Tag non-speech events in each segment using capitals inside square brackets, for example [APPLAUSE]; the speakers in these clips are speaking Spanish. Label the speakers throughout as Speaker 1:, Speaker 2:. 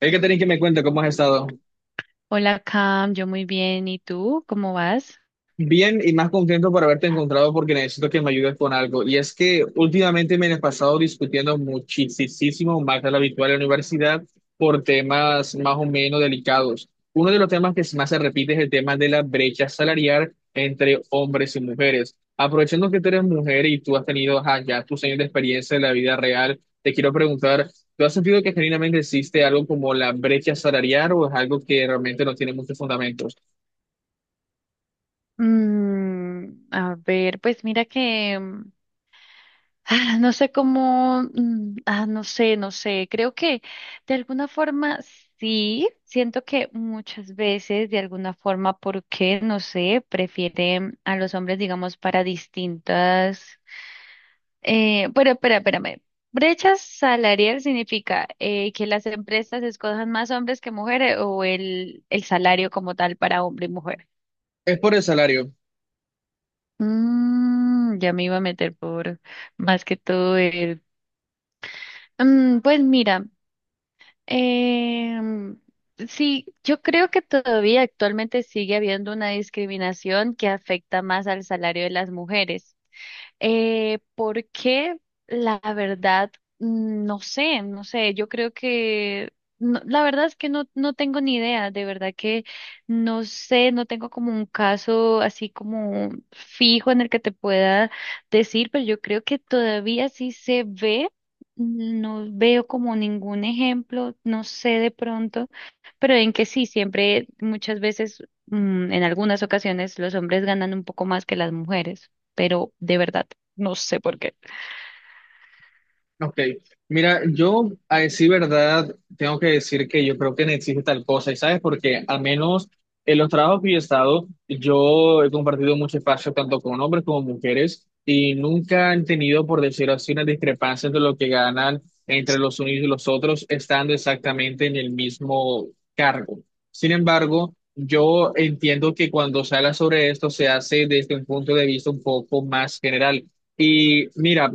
Speaker 1: Hay que tener que me cuenta cómo has estado.
Speaker 2: Hola Cam, yo muy bien. ¿Y tú? ¿Cómo vas?
Speaker 1: Bien y más contento por haberte encontrado porque necesito que me ayudes con algo. Y es que últimamente me he pasado discutiendo muchísimo más de lo habitual en la universidad por temas más o menos delicados. Uno de los temas que más se repite es el tema de la brecha salarial entre hombres y mujeres. Aprovechando que tú eres mujer y tú has tenido ajá, ya tus años de experiencia en la vida real, te quiero preguntar, ¿tú has sentido que genuinamente existe algo como la brecha salarial o es algo que realmente no tiene muchos fundamentos?
Speaker 2: A ver, pues mira que [LAUGHS] no sé cómo, no sé, no sé, creo que de alguna forma sí, siento que muchas veces de alguna forma, porque no sé, prefieren a los hombres, digamos, para distintas. Pero espera, espérame. Brecha salarial significa que las empresas escojan más hombres que mujeres o el salario como tal para hombre y mujer.
Speaker 1: Es por el salario.
Speaker 2: Ya me iba a meter por más que todo el... Pues mira, em, sí, yo creo que todavía actualmente sigue habiendo una discriminación que afecta más al salario de las mujeres. Porque la verdad, no sé, no sé, yo creo que, la verdad es que no, no tengo ni idea, de verdad que no sé, no tengo como un caso así como fijo en el que te pueda decir, pero yo creo que todavía sí se ve, no veo como ningún ejemplo, no sé de pronto, pero en que sí, siempre, muchas veces, en algunas ocasiones los hombres ganan un poco más que las mujeres, pero de verdad no sé por qué.
Speaker 1: Ok. Mira, yo a decir verdad, tengo que decir que yo creo que no existe tal cosa. ¿Y sabes por qué? Al menos en los trabajos que yo he estado, yo he compartido mucho espacio tanto con hombres como mujeres y nunca han tenido, por decirlo así, una discrepancia entre lo que ganan entre los unos y los otros, estando exactamente en el mismo cargo. Sin embargo, yo entiendo que cuando se habla sobre esto se hace desde un punto de vista un poco más general. Y mira,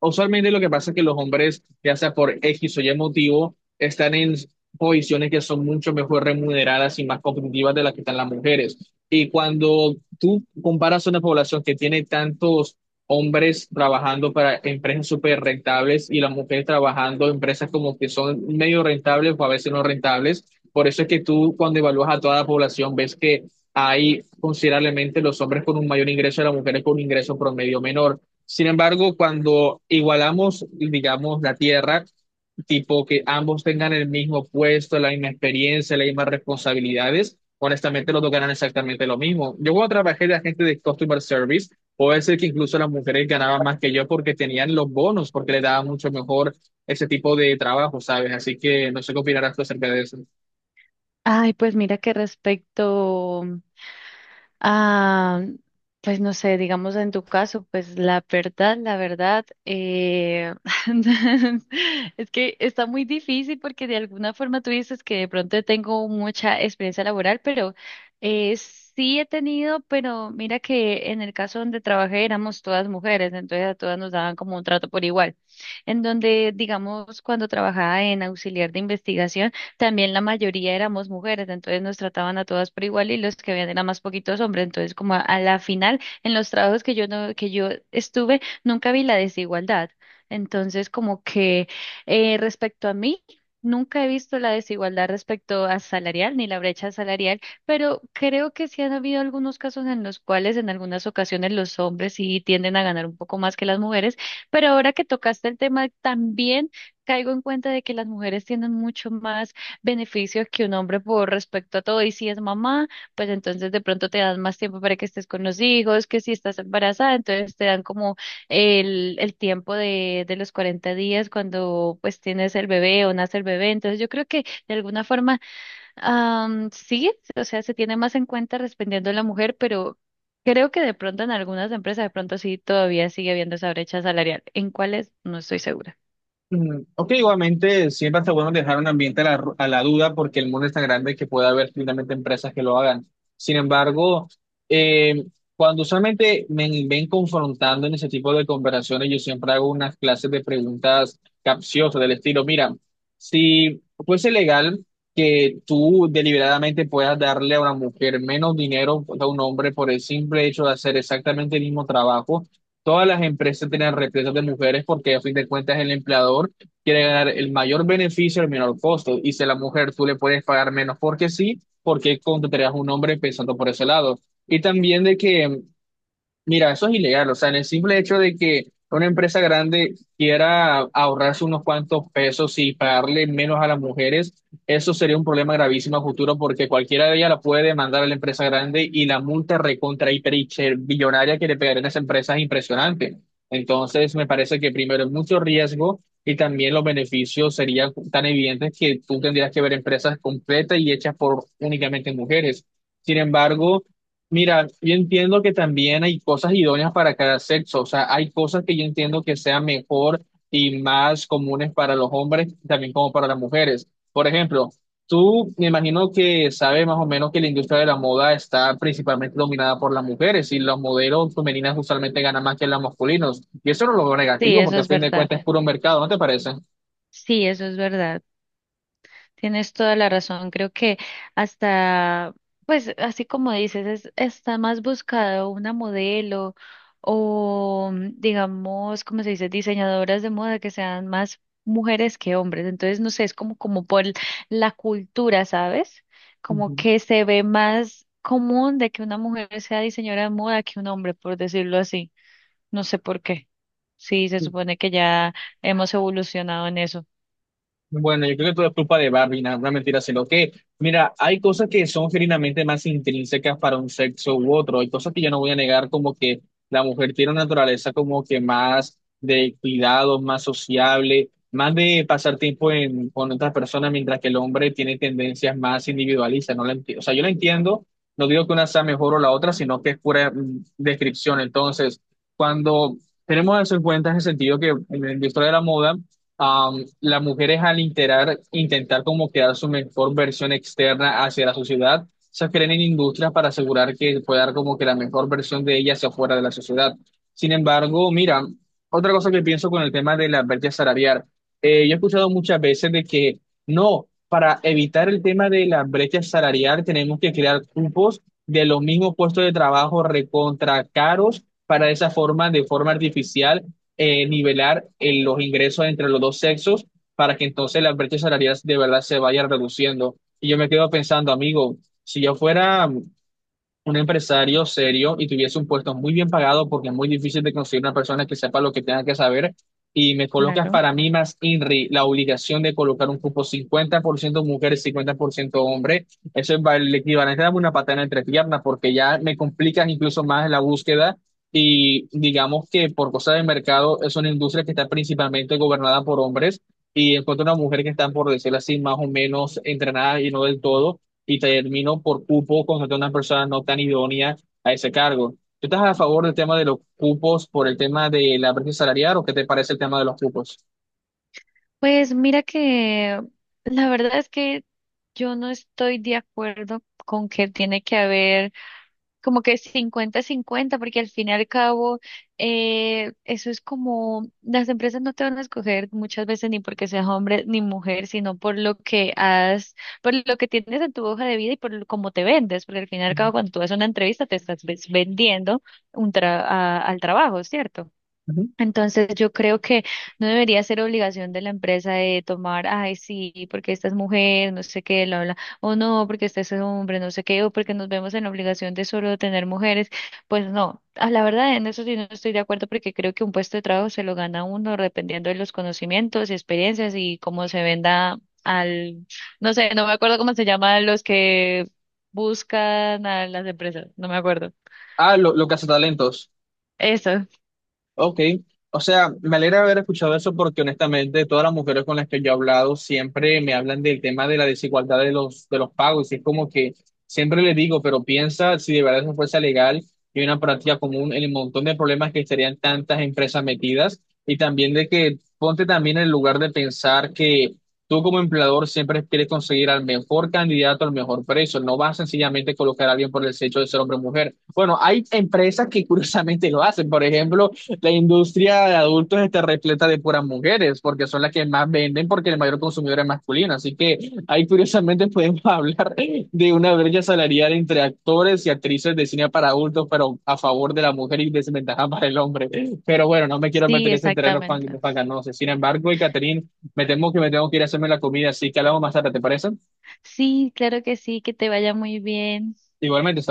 Speaker 1: usualmente lo que pasa es que los hombres, ya sea por X o Y motivo, están en posiciones que son mucho mejor remuneradas y más competitivas de las que están las mujeres. Y cuando tú comparas una población que tiene tantos hombres trabajando para empresas súper rentables y las mujeres trabajando en empresas como que son medio rentables o a veces no rentables, por eso es que tú cuando evalúas a toda la población ves que hay considerablemente los hombres con un mayor ingreso y las mujeres con un ingreso promedio menor. Sin embargo, cuando igualamos, digamos, la tierra, tipo que ambos tengan el mismo puesto, la misma experiencia, las mismas responsabilidades, honestamente los dos ganan exactamente lo mismo. Yo cuando trabajé de agente de customer service, puede ser que incluso las mujeres ganaban más que yo porque tenían los bonos, porque les daba mucho mejor ese tipo de trabajo, ¿sabes? Así que no sé qué opinarás tú acerca de eso.
Speaker 2: Ay, pues mira que respecto a, pues no sé, digamos en tu caso, pues la verdad, [LAUGHS] es que está muy difícil porque de alguna forma tú dices que de pronto tengo mucha experiencia laboral, pero sí he tenido, pero mira que en el caso donde trabajé éramos todas mujeres, entonces a todas nos daban como un trato por igual, en donde, digamos, cuando trabajaba en auxiliar de investigación, también la mayoría éramos mujeres, entonces nos trataban a todas por igual y los que habían eran más poquitos hombres, entonces como a la final en los trabajos que yo no, que yo estuve, nunca vi la desigualdad. Entonces como que respecto a mí, nunca he visto la desigualdad respecto a salarial ni la brecha salarial, pero creo que sí han habido algunos casos en los cuales en algunas ocasiones los hombres sí tienden a ganar un poco más que las mujeres, pero ahora que tocaste el tema también caigo en cuenta de que las mujeres tienen mucho más beneficios que un hombre por respecto a todo. Y si es mamá, pues entonces de pronto te dan más tiempo para que estés con los hijos, que si estás embarazada, entonces te dan como el tiempo de los 40 días cuando pues tienes el bebé o nace el bebé. Entonces yo creo que de alguna forma sí, o sea, se tiene más en cuenta respondiendo a la mujer, pero... Creo que de pronto en algunas empresas de pronto sí todavía sigue habiendo esa brecha salarial. ¿En cuáles? No estoy segura.
Speaker 1: Mm, ok, igualmente siempre está bueno dejar un ambiente a la duda porque el mundo es tan grande que puede haber finalmente empresas que lo hagan. Sin embargo, eh, cuando usualmente me ven confrontando en ese tipo de conversaciones, yo siempre hago unas clases de preguntas capciosas del estilo, mira, si fuese legal que tú deliberadamente puedas darle a una mujer menos dinero que a un hombre por el simple hecho de hacer exactamente el mismo trabajo, todas las empresas tienen represas de mujeres porque a fin de cuentas el empleador quiere ganar el mayor beneficio al menor costo. Y si a la mujer tú le puedes pagar menos porque sí, ¿por qué contratarías a un hombre pensando por ese lado? Y también de que mira, eso es ilegal, o sea, en el simple hecho de que una empresa grande quiera ahorrarse unos cuantos pesos y pagarle menos a las mujeres, eso sería un problema gravísimo a futuro porque cualquiera de ellas la puede demandar a la empresa grande y la multa recontra hiper billonaria que le pegarían a esa empresa es impresionante. Entonces, me parece que primero es mucho riesgo y también los beneficios serían tan evidentes que tú tendrías que ver empresas completas y hechas por únicamente mujeres. Sin embargo, mira, yo entiendo que también hay cosas idóneas para cada sexo, o sea, hay cosas que yo entiendo que sean mejor y más comunes para los hombres, también como para las mujeres. Por ejemplo, tú me imagino que sabes más o menos que la industria de la moda está principalmente dominada por las mujeres y los modelos femeninas usualmente ganan más que los masculinos. Y eso no lo veo
Speaker 2: Sí,
Speaker 1: negativo
Speaker 2: eso
Speaker 1: porque a
Speaker 2: es
Speaker 1: fin de
Speaker 2: verdad.
Speaker 1: cuentas es puro mercado, ¿no te parece?
Speaker 2: Sí, eso es verdad. Tienes toda la razón. Creo que hasta, pues así como dices, está más buscado una modelo o, digamos, como se dice, diseñadoras de moda que sean más mujeres que hombres. Entonces, no sé, es como por la cultura, ¿sabes? Como
Speaker 1: Ujú.
Speaker 2: que se ve más común de que una mujer sea diseñadora de moda que un hombre, por decirlo así. No sé por qué. Sí, se supone que ya hemos evolucionado en eso.
Speaker 1: Bueno, yo creo que todo es culpa de Barbie, no, una mentira, lo que, mira, hay cosas que son genuinamente más intrínsecas para un sexo u otro, hay cosas que yo no voy a negar, como que la mujer tiene una naturaleza como que más de cuidado, más sociable, más de pasar tiempo en, con otras personas, mientras que el hombre tiene tendencias más individualistas, no la enti- o sea, yo la entiendo, no digo que una sea mejor o la otra, sino que es pura descripción, entonces, cuando tenemos eso en cuenta en el sentido que en la historia de la moda, las mujeres al intentar como crear su mejor versión externa hacia la sociedad, se creen en industrias para asegurar que pueda dar como que la mejor versión de ellas hacia fuera de la sociedad. Sin embargo, mira, otra cosa que pienso con el tema de la brecha salarial. Yo he escuchado muchas veces de que no, para evitar el tema de la brecha salarial tenemos que crear cupos de los mismos puestos de trabajo recontra caros para de esa forma, de forma artificial nivelar los ingresos entre los dos sexos para que entonces las brechas salariales de verdad se vayan reduciendo. Y yo me quedo pensando, amigo, si yo fuera un empresario serio y tuviese un puesto muy bien pagado porque es muy difícil de conseguir una persona que sepa lo que tenga que saber. Y me colocas
Speaker 2: Claro.
Speaker 1: para mí más INRI la obligación de colocar un cupo 50% mujeres, 50% hombres. El equivalente a darme una patada entre piernas porque ya me complican incluso más la búsqueda. Y digamos que por cosa de mercado es una industria que está principalmente gobernada por hombres y encuentro una mujer que está, por decirlo así, más o menos entrenada y no del todo y terminó por cupo contrató a una persona no tan idónea a ese cargo. ¿Tú estás a favor del tema de los cupos por el tema de la brecha salarial o qué te parece el tema de los cupos?
Speaker 2: Pues mira que la verdad es que yo no estoy de acuerdo con que tiene que haber como que cincuenta-cincuenta porque al fin y al cabo eso es como las empresas no te van a escoger muchas veces ni porque seas hombre ni mujer, sino por lo que has, por lo que tienes en tu hoja de vida y cómo te vendes, porque al fin y al cabo cuando tú haces una entrevista te estás vendiendo al trabajo, ¿cierto?
Speaker 1: Ujú.
Speaker 2: Entonces yo creo que no debería ser obligación de la empresa de tomar, ay, sí, porque esta es mujer, no sé qué, bla, bla, o no, porque este es hombre, no sé qué, o porque nos vemos en la obligación de solo tener mujeres. Pues no, a la verdad en eso sí no estoy de acuerdo porque creo que un puesto de trabajo se lo gana uno dependiendo de los conocimientos y experiencias y cómo se venda al, no sé, no me acuerdo cómo se llaman los que buscan a las empresas, no me acuerdo.
Speaker 1: Ah, lo
Speaker 2: Eso,
Speaker 1: ok, o sea, me alegra haber escuchado eso porque honestamente todas las mujeres con las que yo he hablado siempre me hablan del tema de la desigualdad de los pagos y es como que siempre les digo, pero piensa si de verdad eso fuese legal y una práctica común en el montón de problemas que estarían tantas empresas metidas y también de que ponte también en el lugar de pensar que tú como empleador siempre quieres conseguir al mejor candidato al mejor precio, no vas sencillamente a colocar a alguien por el hecho de ser hombre o mujer. Bueno, hay empresas que [LAUGHS] curiosamente lo hacen, por ejemplo la industria de adultos está repleta de puras mujeres, porque son las que más venden, porque el mayor consumidor es masculino. Así que ahí curiosamente podemos [LAUGHS] hablar de una brecha salarial entre actores y actrices de cine para adultos, pero a favor de la mujer y desventaja para el hombre. Pero bueno, no me quiero
Speaker 2: sí,
Speaker 1: meter en ese terreno
Speaker 2: exactamente.
Speaker 1: fanganoso. Sin embargo, y Catherine, me temo que me tengo que ir a hacerme la comida, así que hablamos más tarde, ¿te parece?
Speaker 2: Sí, claro que sí, que te vaya muy bien.
Speaker 1: Igualmente, saludos.